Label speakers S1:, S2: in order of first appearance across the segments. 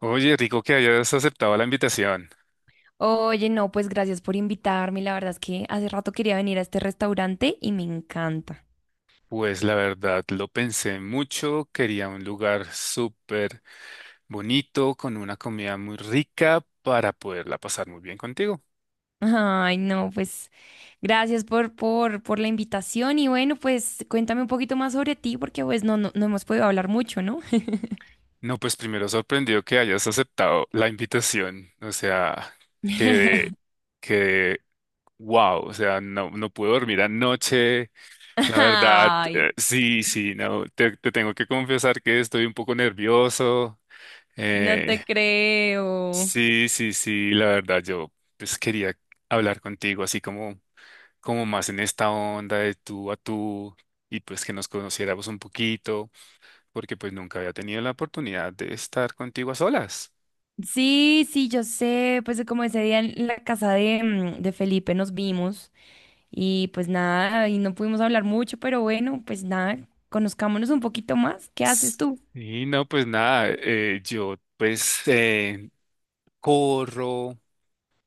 S1: Oye, rico que hayas aceptado la invitación.
S2: Oye, no, pues gracias por invitarme. La verdad es que hace rato quería venir a este restaurante y me encanta.
S1: Pues la verdad, lo pensé mucho. Quería un lugar súper bonito, con una comida muy rica para poderla pasar muy bien contigo.
S2: Ay, no, pues gracias por la invitación y bueno, pues cuéntame un poquito más sobre ti porque pues no hemos podido hablar mucho, ¿no?
S1: No, pues primero sorprendido que hayas aceptado la invitación. O sea, que, que, wow, o sea, no, no puedo dormir anoche. La verdad,
S2: Ay,
S1: sí, sí, no, te tengo que confesar que estoy un poco nervioso.
S2: no te
S1: eh,
S2: creo.
S1: Sí, sí, sí, la verdad yo pues quería hablar contigo así como más en esta onda de tú a tú y pues que nos conociéramos un poquito porque pues nunca había tenido la oportunidad de estar contigo a solas.
S2: Sí, sí, yo sé, pues como ese día en la casa de Felipe nos vimos y pues nada, y no pudimos hablar mucho, pero bueno, pues nada, conozcámonos un poquito más. ¿Qué haces tú?
S1: Y no, pues nada, yo pues corro,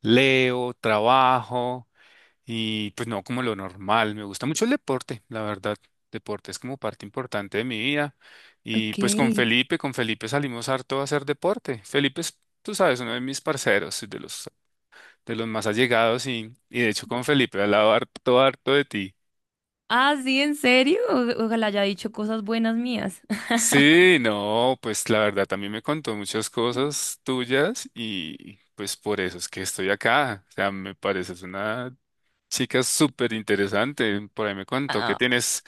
S1: leo, trabajo. Y pues no, como lo normal, me gusta mucho el deporte, la verdad. Deporte es como parte importante de mi vida. Y
S2: Ok.
S1: pues con Felipe salimos harto a hacer deporte. Felipe es, tú sabes, uno de mis parceros, de los más allegados y, de hecho con Felipe he hablado harto, harto de ti.
S2: Ah, sí, ¿en serio? Ojalá haya dicho cosas buenas mías.
S1: Sí, no, pues la verdad también me contó muchas cosas tuyas y pues por eso es que estoy acá. O sea, me pareces una chica súper interesante. Por ahí me contó que
S2: Ah,
S1: tienes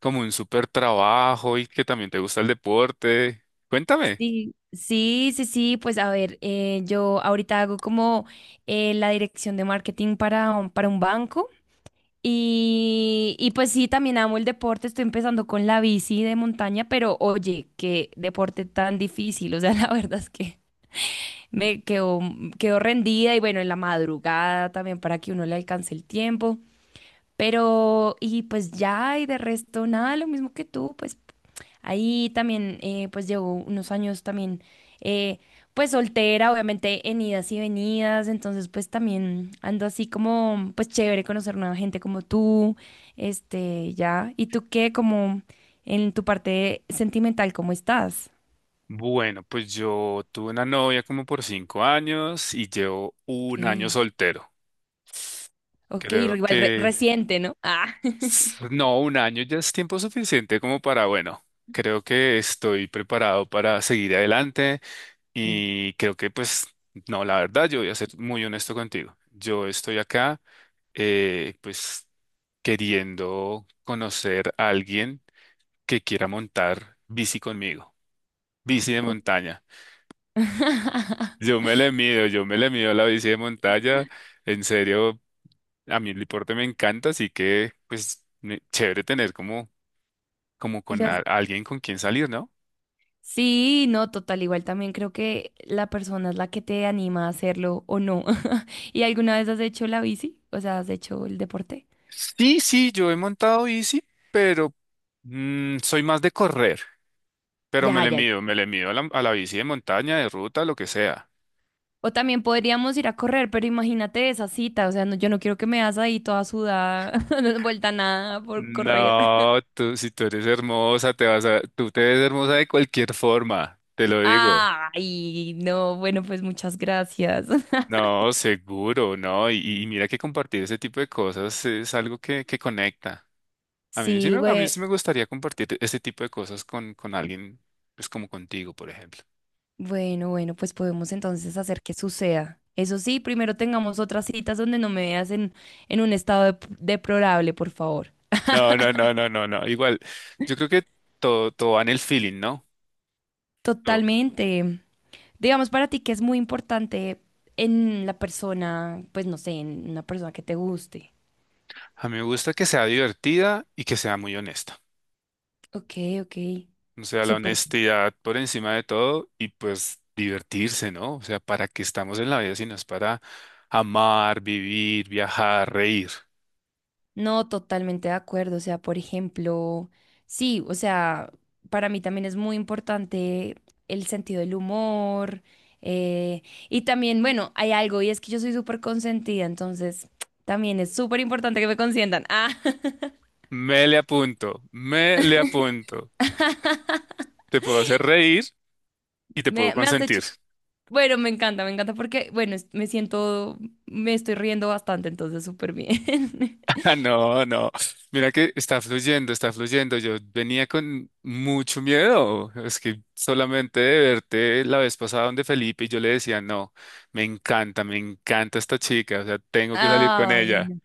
S1: como un súper trabajo y que también te gusta el deporte. Cuéntame.
S2: sí, sí, sí, sí, pues a ver, yo ahorita hago como la dirección de marketing para, para un banco y pues sí, también amo el deporte, estoy empezando con la bici de montaña, pero oye, qué deporte tan difícil, o sea, la verdad es que me quedo, quedo rendida y bueno, en la madrugada también para que uno le alcance el tiempo. Pero, y pues ya, y de resto, nada, lo mismo que tú, pues ahí también, pues llevo unos años también, eh, pues soltera, obviamente en idas y venidas, entonces pues también ando así como, pues chévere conocer nueva gente como tú, este, ya. ¿Y tú qué, como en tu parte sentimental, cómo estás?
S1: Bueno, pues yo tuve una novia como por 5 años y llevo
S2: Ok,
S1: un año soltero.
S2: ok,
S1: Creo que
S2: reciente, ¿no? Ah,
S1: no, un año ya es tiempo suficiente como para, bueno, creo que estoy preparado para seguir adelante
S2: sí.
S1: y creo que pues, no, la verdad, yo voy a ser muy honesto contigo. Yo estoy acá. Pues queriendo conocer a alguien que quiera montar bici conmigo, bici de
S2: Ok.
S1: montaña. Yo me le mido, yo me le mido a la bici de montaña, en serio, a mí el deporte me encanta, así que pues chévere tener como
S2: ¿Y lo
S1: con
S2: has-
S1: alguien con quien salir, ¿no?
S2: Sí, no, total, igual también creo que la persona es la que te anima a hacerlo o no. ¿Y alguna vez has hecho la bici? O sea, has hecho el deporte.
S1: Sí, sí, yo he montado bici, pero soy más de correr, pero
S2: Ya, ya, ya.
S1: me le mido a a la bici de montaña, de ruta, lo que sea.
S2: O también podríamos ir a correr, pero imagínate esa cita, o sea, no, yo no quiero que me hagas ahí toda sudada, no vuelta a nada por correr.
S1: No, tú, si tú eres hermosa, tú te ves hermosa de cualquier forma, te lo digo.
S2: Ay, no, bueno, pues muchas gracias.
S1: No, seguro, no. Y, mira que compartir ese tipo de cosas es algo que conecta. A mí sí
S2: Sí,
S1: me, a mí
S2: bueno.
S1: sí Sí, me gustaría compartir ese tipo de cosas con alguien, pues como contigo, por ejemplo.
S2: Bueno, bueno, pues podemos entonces hacer que suceda. Eso sí, primero tengamos otras citas donde no me veas en un estado deplorable, por favor.
S1: No, no, no, no, no, no. Igual, yo creo que todo, todo va en el feeling, ¿no? Todo.
S2: Totalmente. Digamos para ti que es muy importante en la persona, pues no sé, en una persona que te guste.
S1: A mí me gusta que sea divertida y que sea muy honesta.
S2: Ok, ok.
S1: O sea, la
S2: Súper.
S1: honestidad por encima de todo y pues divertirse, ¿no? O sea, ¿para qué estamos en la vida si no es para amar, vivir, viajar, reír?
S2: No, totalmente de acuerdo. O sea, por ejemplo, sí, o sea, para mí también es muy importante el sentido del humor. eh, y también, bueno, hay algo, y es que yo soy súper consentida, entonces también es súper importante que me consientan. Ah,
S1: Me le apunto, me le apunto. Te puedo hacer reír y te puedo
S2: me has hecho.
S1: consentir.
S2: Bueno, me encanta porque, bueno, me siento, me estoy riendo bastante, entonces súper bien.
S1: Ah, no, no. Mira que está fluyendo, está fluyendo. Yo venía con mucho miedo. Es que solamente de verte la vez pasada donde Felipe y yo le decía, no, me encanta esta chica, o sea, tengo que salir con
S2: Ay,
S1: ella.
S2: no.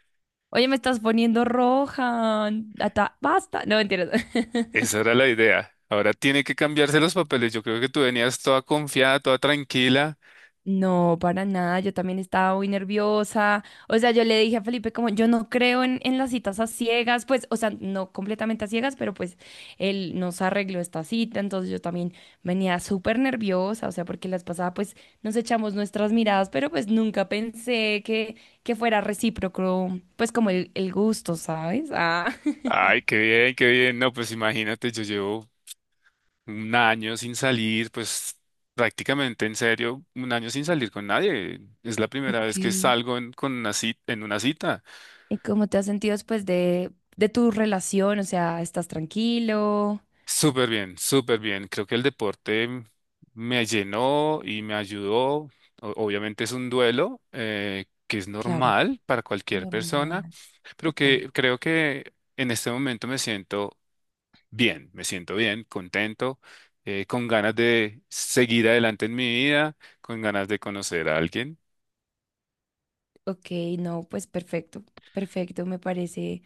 S2: Oye, me estás poniendo roja. Basta. No, mentiras.
S1: Esa era la idea. Ahora tiene que cambiarse los papeles. Yo creo que tú venías toda confiada, toda tranquila.
S2: No, para nada, yo también estaba muy nerviosa. O sea, yo le dije a Felipe como yo no creo en las citas a ciegas, pues, o sea, no completamente a ciegas, pero pues él nos arregló esta cita, entonces yo también venía súper nerviosa, o sea, porque las pasadas pues nos echamos nuestras miradas, pero pues nunca pensé que fuera recíproco, pues como el gusto, ¿sabes? Ah.
S1: Ay, qué bien, qué bien. No, pues imagínate, yo llevo un año sin salir, pues prácticamente en serio, un año sin salir con nadie. Es la primera
S2: Ok.
S1: vez que
S2: ¿Y
S1: salgo con una cita, en una cita.
S2: cómo te has sentido después de tu relación? O sea, ¿estás tranquilo?
S1: Súper bien, súper bien. Creo que el deporte me llenó y me ayudó. Obviamente es un duelo que es
S2: Claro,
S1: normal para cualquier persona,
S2: normal.
S1: pero
S2: Total.
S1: que creo que en este momento me siento bien, contento, con ganas de seguir adelante en mi vida, con ganas de conocer a alguien.
S2: Ok, no, pues perfecto, perfecto,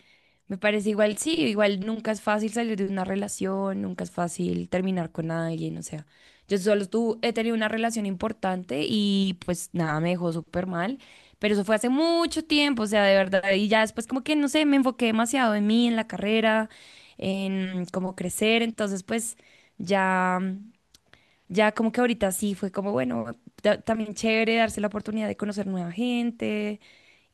S2: me parece igual, sí, igual nunca es fácil salir de una relación, nunca es fácil terminar con alguien, o sea, yo solo tú he tenido una relación importante y pues nada, me dejó súper mal, pero eso fue hace mucho tiempo, o sea, de verdad, y ya después como que, no sé, me enfoqué demasiado en mí, en la carrera, en cómo crecer, entonces pues ya. Ya como que ahorita sí fue como, bueno, también chévere darse la oportunidad de conocer nueva gente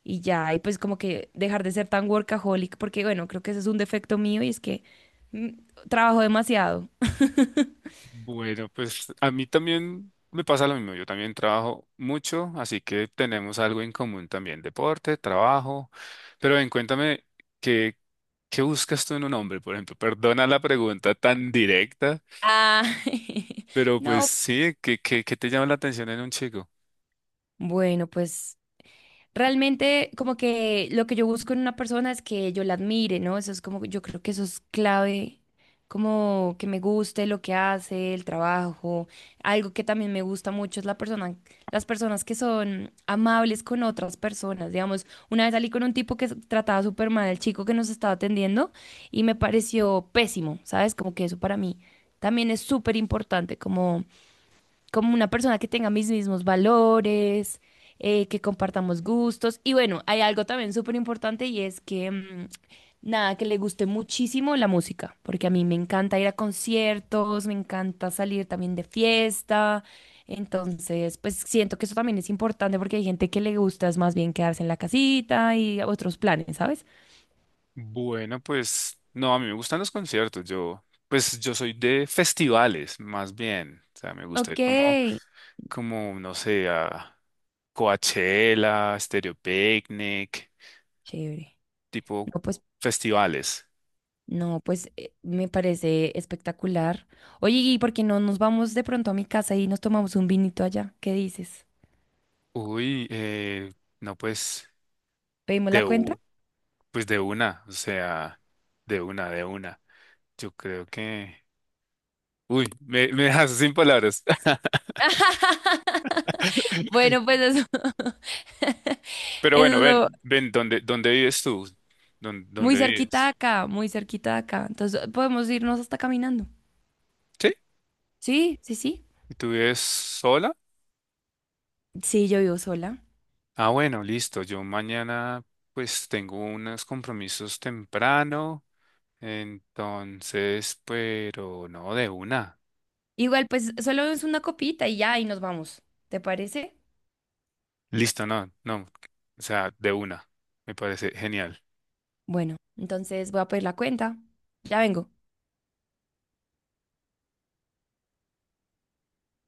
S2: y ya, y pues como que dejar de ser tan workaholic, porque bueno, creo que ese es un defecto mío y es que mm, trabajo demasiado.
S1: Bueno, pues a mí también me pasa lo mismo. Yo también trabajo mucho, así que tenemos algo en común también, deporte, trabajo. Pero ven, cuéntame, ¿qué, qué buscas tú en un hombre, por ejemplo? Perdona la pregunta tan directa,
S2: Ah,
S1: pero pues
S2: no.
S1: sí, qué te llama la atención en un chico?
S2: Bueno, pues realmente, como que lo que yo busco en una persona es que yo la admire, ¿no? Eso es como, yo creo que eso es clave, como que me guste lo que hace, el trabajo. Algo que también me gusta mucho es la persona, las personas que son amables con otras personas. Digamos, una vez salí con un tipo que trataba súper mal al chico que nos estaba atendiendo y me pareció pésimo, ¿sabes? Como que eso para mí también es súper importante, como como una persona que tenga mis mismos valores, que compartamos gustos. Y bueno, hay algo también súper importante y es que, nada, que le guste muchísimo la música, porque a mí me encanta ir a conciertos, me encanta salir también de fiesta. Entonces, pues siento que eso también es importante porque hay gente que le gusta es más bien quedarse en la casita y otros planes, ¿sabes?
S1: Bueno, pues no, a mí me gustan los conciertos. Pues yo soy de festivales, más bien. O sea, me gusta
S2: Ok,
S1: ir como, no sé, a Coachella, Stereo Picnic,
S2: chévere.
S1: tipo
S2: No, pues
S1: festivales.
S2: no, pues me parece espectacular. Oye, ¿y por qué no nos vamos de pronto a mi casa y nos tomamos un vinito allá? ¿Qué dices?
S1: Uy, no, pues
S2: ¿Pedimos
S1: de,
S2: la cuenta?
S1: u- pues de una, o sea, de una, de una. Yo creo que. Uy, me dejas sin palabras.
S2: Bueno, pues eso,
S1: Pero
S2: eso
S1: bueno,
S2: es lo
S1: ven, ven, dónde vives tú?
S2: muy
S1: Dónde
S2: cerquita de
S1: vives?
S2: acá, muy cerquita de acá. Entonces podemos irnos hasta caminando.
S1: ¿Sí?
S2: Sí, sí, sí.
S1: ¿Y tú vives sola?
S2: Sí, yo vivo sola.
S1: Ah, bueno, listo. Yo mañana pues tengo unos compromisos temprano. Entonces, pero no, de una.
S2: Igual, pues solo es una copita y ya, y nos vamos. ¿Te parece?
S1: Listo, no, no. O sea, de una. Me parece genial.
S2: Bueno, entonces voy a pedir la cuenta. Ya vengo.